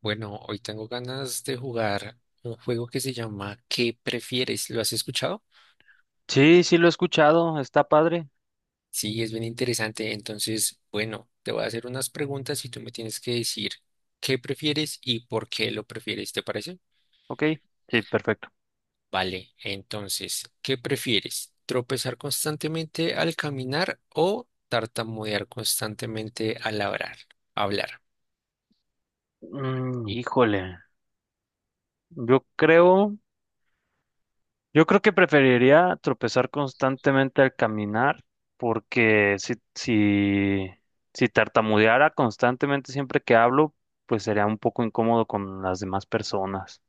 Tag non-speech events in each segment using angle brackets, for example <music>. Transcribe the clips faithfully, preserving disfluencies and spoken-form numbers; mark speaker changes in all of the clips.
Speaker 1: Bueno, hoy tengo ganas de jugar un juego que se llama ¿Qué prefieres? ¿Lo has escuchado?
Speaker 2: Sí, sí lo he escuchado, está padre.
Speaker 1: Sí, es bien interesante. Entonces, bueno, te voy a hacer unas preguntas y tú me tienes que decir qué prefieres y por qué lo prefieres, ¿te parece?
Speaker 2: Ok. Sí, perfecto.
Speaker 1: Vale, entonces, ¿qué prefieres? ¿Tropezar constantemente al caminar o tartamudear constantemente al hablar? Hablar.
Speaker 2: Mm, híjole, yo creo, yo creo que preferiría tropezar constantemente al caminar, porque si, si, si tartamudeara constantemente siempre que hablo, pues sería un poco incómodo con las demás personas.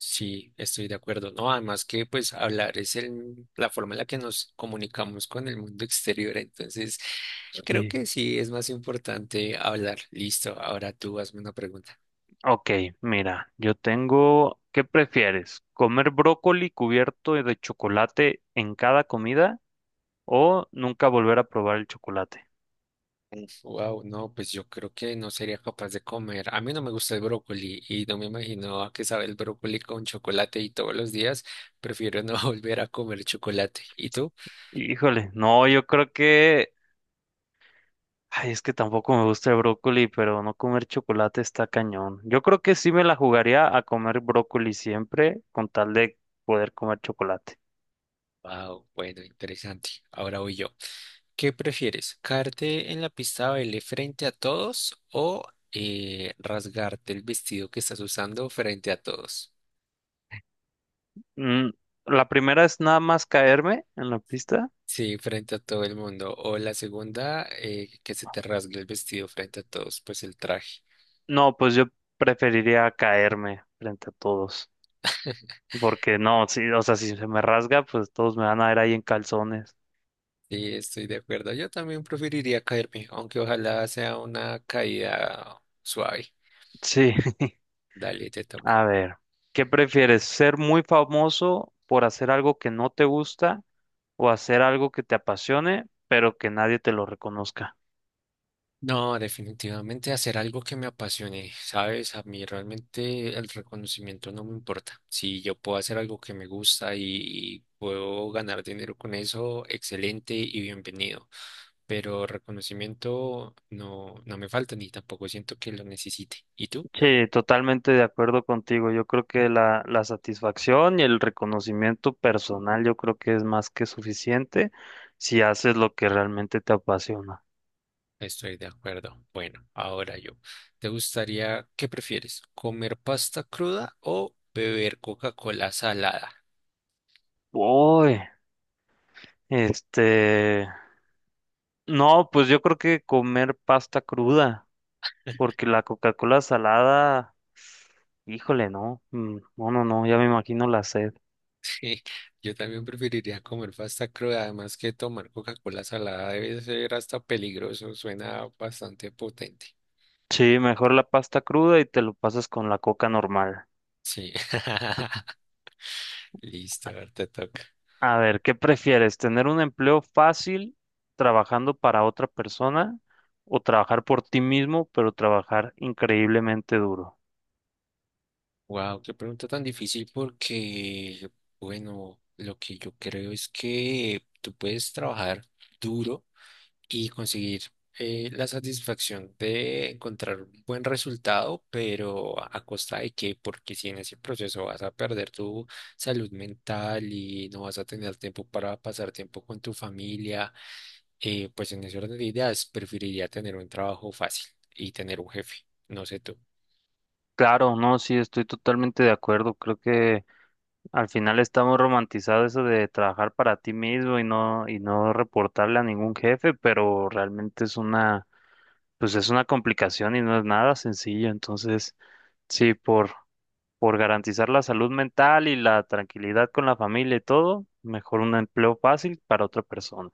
Speaker 1: Sí, estoy de acuerdo. No, además que pues hablar es el, la forma en la que nos comunicamos con el mundo exterior. Entonces, creo
Speaker 2: Sí.
Speaker 1: que sí es más importante hablar. Listo, ahora tú hazme una pregunta.
Speaker 2: Ok, mira, yo tengo, ¿qué prefieres? ¿Comer brócoli cubierto de chocolate en cada comida o nunca volver a probar el chocolate?
Speaker 1: Wow, no, pues yo creo que no sería capaz de comer. A mí no me gusta el brócoli y no me imagino a qué sabe el brócoli con chocolate y todos los días prefiero no <laughs> volver a comer chocolate. ¿Y tú?
Speaker 2: Híjole, no, yo creo que, ay, es que tampoco me gusta el brócoli, pero no comer chocolate está cañón. Yo creo que sí me la jugaría a comer brócoli siempre con tal de poder comer chocolate.
Speaker 1: Wow, bueno, interesante. Ahora voy yo. ¿Qué prefieres? ¿Caerte en la pista de baile frente a todos o eh, rasgarte el vestido que estás usando frente a todos?
Speaker 2: Mm, la primera es nada más caerme en la pista.
Speaker 1: Sí, frente a todo el mundo. O la segunda, eh, que se te rasgue el vestido frente a todos, pues el traje.
Speaker 2: No, pues yo preferiría caerme frente a todos,
Speaker 1: <laughs>
Speaker 2: porque no, sí, o sea, si se me rasga, pues todos me van a ver ahí en calzones.
Speaker 1: Sí, estoy de acuerdo. Yo también preferiría caerme, aunque ojalá sea una caída suave.
Speaker 2: Sí. <laughs>
Speaker 1: Dale, te toca.
Speaker 2: A ver, ¿qué prefieres? ¿Ser muy famoso por hacer algo que no te gusta o hacer algo que te apasione, pero que nadie te lo reconozca?
Speaker 1: No, definitivamente hacer algo que me apasione, ¿sabes? A mí realmente el reconocimiento no me importa. Si yo puedo hacer algo que me gusta y, y puedo ganar dinero con eso, excelente y bienvenido. Pero reconocimiento no, no me falta ni tampoco siento que lo necesite. ¿Y tú?
Speaker 2: Sí, totalmente de acuerdo contigo. Yo creo que la, la satisfacción y el reconocimiento personal, yo creo que es más que suficiente si haces lo que realmente te apasiona.
Speaker 1: Estoy de acuerdo. Bueno, ahora yo. ¿Te gustaría, qué prefieres? ¿Comer pasta cruda o beber Coca-Cola salada?
Speaker 2: Uy, este, no, pues yo creo que comer pasta cruda. Porque la Coca-Cola salada, híjole, no, mm, no, no, no, ya me imagino la sed.
Speaker 1: Sí, yo también preferiría comer pasta cruda, además que tomar Coca-Cola salada debe ser hasta peligroso, suena bastante potente.
Speaker 2: Sí, mejor la pasta cruda y te lo pasas con la coca normal.
Speaker 1: Sí, <laughs> listo, a ver, te toca.
Speaker 2: A ver, ¿qué prefieres? ¿Tener un empleo fácil trabajando para otra persona o trabajar por ti mismo, pero trabajar increíblemente duro?
Speaker 1: Wow, qué pregunta tan difícil porque, bueno, lo que yo creo es que tú puedes trabajar duro. Y conseguir eh, la satisfacción de encontrar un buen resultado, pero a a costa de qué, porque si en ese proceso vas a perder tu salud mental y no vas a tener tiempo para pasar tiempo con tu familia, eh, pues en ese orden de ideas preferiría tener un trabajo fácil y tener un jefe, no sé tú.
Speaker 2: Claro, no, sí, estoy totalmente de acuerdo. Creo que al final está muy romantizado eso de trabajar para ti mismo y no, y no reportarle a ningún jefe, pero realmente es una pues es una complicación y no es nada sencillo. Entonces, sí, por, por garantizar la salud mental y la tranquilidad con la familia y todo, mejor un empleo fácil para otra persona.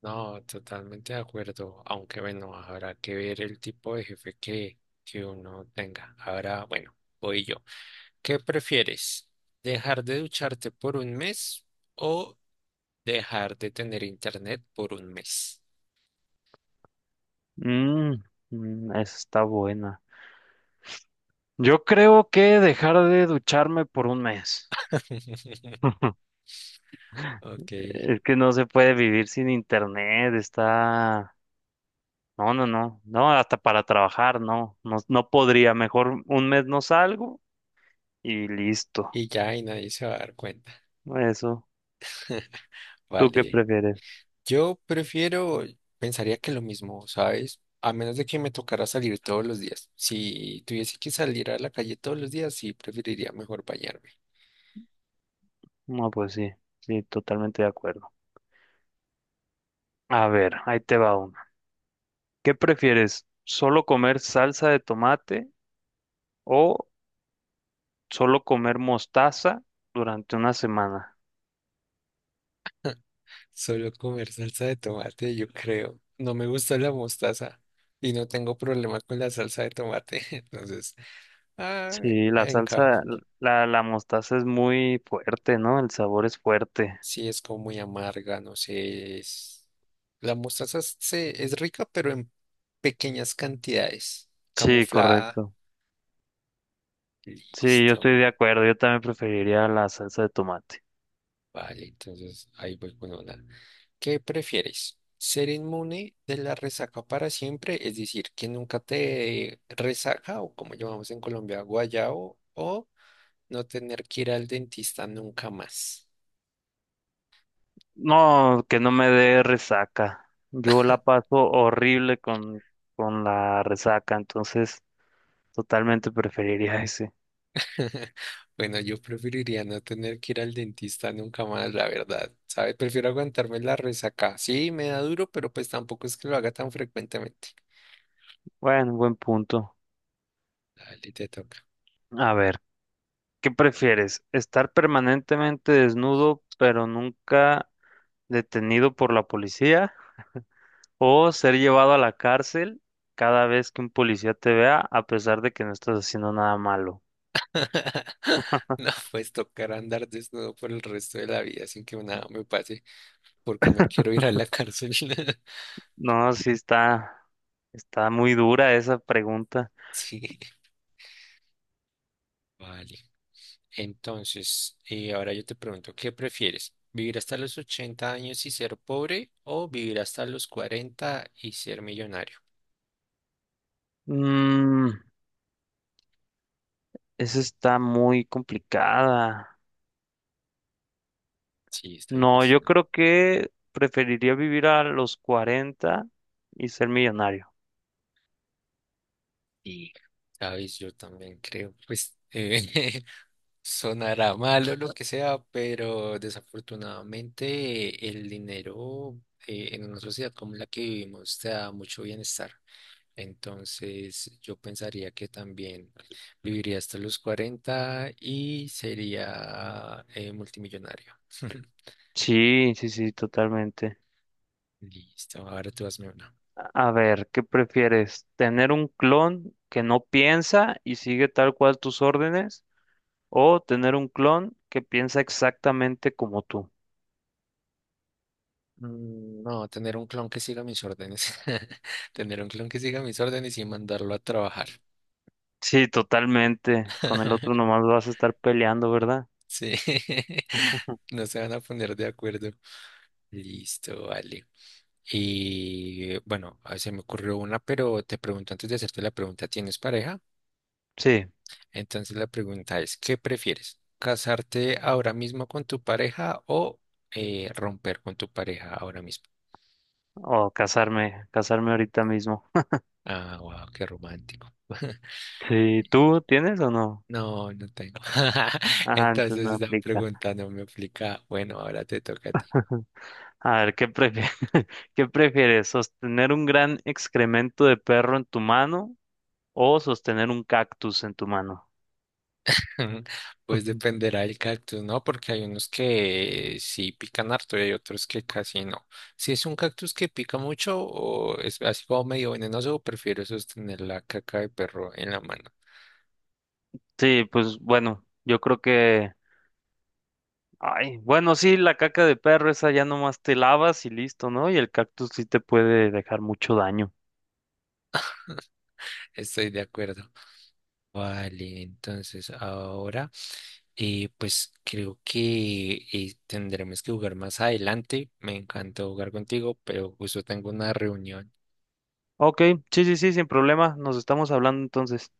Speaker 1: No, totalmente de acuerdo, aunque bueno, habrá que ver el tipo de jefe que, que uno tenga. Ahora, bueno, voy yo. ¿Qué prefieres? ¿Dejar de ducharte por un mes o dejar de tener internet por un mes?
Speaker 2: Mm, mm, esa está buena. Yo creo que dejar de ducharme por un mes.
Speaker 1: <laughs>
Speaker 2: <laughs>
Speaker 1: Ok.
Speaker 2: Es que no se puede vivir sin internet, está... No, no, no, no, hasta para trabajar, no, no, no podría, mejor un mes no salgo y listo.
Speaker 1: Y ya, y nadie se va a dar cuenta.
Speaker 2: Eso,
Speaker 1: <laughs>
Speaker 2: ¿tú qué
Speaker 1: Vale.
Speaker 2: prefieres?
Speaker 1: Yo prefiero, pensaría que lo mismo, ¿sabes? A menos de que me tocara salir todos los días. Si tuviese que salir a la calle todos los días, sí preferiría mejor bañarme.
Speaker 2: No, pues sí, sí, totalmente de acuerdo. A ver, ahí te va una. ¿Qué prefieres? ¿Solo comer salsa de tomate o solo comer mostaza durante una semana?
Speaker 1: Solo comer salsa de tomate, yo creo. No me gusta la mostaza y no tengo problema con la salsa de tomate. <laughs> Entonces, ah,
Speaker 2: Sí, la
Speaker 1: encajo.
Speaker 2: salsa, la, la mostaza es muy fuerte, ¿no? El sabor es fuerte.
Speaker 1: Sí, es como muy amarga, no sé. es- La mostaza es- se, es rica, pero en pequeñas cantidades,
Speaker 2: Sí,
Speaker 1: camuflada.
Speaker 2: correcto. Sí, yo
Speaker 1: Listo.
Speaker 2: estoy de acuerdo. Yo también preferiría la salsa de tomate.
Speaker 1: Vale, entonces ahí voy con una. ¿Qué prefieres? ¿Ser inmune de la resaca para siempre? Es decir, que nunca te dé resaca o como llamamos en Colombia, guayao, o no tener que ir al dentista nunca más.
Speaker 2: No, que no me dé resaca. Yo la paso horrible con, con la resaca, entonces... Totalmente preferiría ese.
Speaker 1: <laughs> Bueno, yo preferiría no tener que ir al dentista nunca más, la verdad. ¿Sabes? Prefiero aguantarme la resaca. Sí, me da duro, pero pues tampoco es que lo haga tan frecuentemente.
Speaker 2: Bueno, buen punto.
Speaker 1: Dale, te toca.
Speaker 2: A ver, ¿qué prefieres? ¿Estar permanentemente desnudo pero nunca detenido por la policía? ¿O ser llevado a la cárcel cada vez que un policía te vea a pesar de que no estás haciendo nada malo?
Speaker 1: <laughs> No, pues tocar andar desnudo por el resto de la vida sin que nada me pase. Porque no quiero ir a la cárcel. <laughs>
Speaker 2: No, sí está, está muy dura esa pregunta.
Speaker 1: Sí, vale. Entonces, eh, ahora yo te pregunto, ¿qué prefieres? ¿Vivir hasta los ochenta años y ser pobre o vivir hasta los cuarenta y ser millonario?
Speaker 2: Mm, esa está muy complicada.
Speaker 1: Sí, está
Speaker 2: No,
Speaker 1: difícil.
Speaker 2: yo creo que preferiría vivir a los cuarenta y ser millonario.
Speaker 1: Y, sabes, yo también creo, pues, eh, <laughs> sonará malo lo que sea, pero desafortunadamente el dinero eh, en una sociedad como la que vivimos te da mucho bienestar. Entonces, yo pensaría que también viviría hasta los cuarenta y sería eh, multimillonario. <laughs>
Speaker 2: Sí, sí, sí, totalmente.
Speaker 1: Listo, ahora tú hazme una.
Speaker 2: A ver, ¿qué prefieres? ¿Tener un clon que no piensa y sigue tal cual tus órdenes? ¿O tener un clon que piensa exactamente como tú?
Speaker 1: Mm, No, tener un clon que siga mis órdenes. <laughs> Tener un clon que siga mis órdenes y mandarlo a trabajar.
Speaker 2: Sí, totalmente. Con el otro
Speaker 1: <laughs>
Speaker 2: nomás vas a estar peleando, ¿verdad?
Speaker 1: Sí, <laughs> no se van a poner de acuerdo. Listo, vale. Y bueno, ah, se me ocurrió una, pero te pregunto antes de hacerte la pregunta, ¿tienes pareja?
Speaker 2: Sí.
Speaker 1: Entonces la pregunta es, ¿qué prefieres? ¿Casarte ahora mismo con tu pareja o eh, romper con tu pareja ahora mismo?
Speaker 2: O casarme, casarme ahorita mismo.
Speaker 1: Ah, wow, qué romántico. <laughs>
Speaker 2: Sí, ¿tú tienes o no?
Speaker 1: No, no tengo. <laughs>
Speaker 2: Ajá, entonces
Speaker 1: Entonces
Speaker 2: no
Speaker 1: esa
Speaker 2: aplica.
Speaker 1: pregunta no me aplica. Bueno, ahora te toca a ti.
Speaker 2: <laughs> A ver, ¿qué prefieres? <laughs> ¿Qué prefieres? ¿Sostener un gran excremento de perro en tu mano o sostener un cactus en tu mano?
Speaker 1: <laughs> Pues
Speaker 2: Ujú.
Speaker 1: dependerá del cactus, ¿no? Porque hay unos que sí pican harto y hay otros que casi no. Si es un cactus que pica mucho o es así como medio venenoso, prefiero sostener la caca de perro en la mano.
Speaker 2: Sí, pues bueno, yo creo que, ay, bueno, sí, la caca de perro esa ya nomás te lavas y listo, ¿no? Y el cactus sí te puede dejar mucho daño.
Speaker 1: Estoy de acuerdo. Vale, entonces ahora eh, pues creo que eh, tendremos que jugar más adelante. Me encantó jugar contigo, pero justo tengo una reunión.
Speaker 2: Ok, sí, sí, sí, sin problema, nos estamos hablando entonces.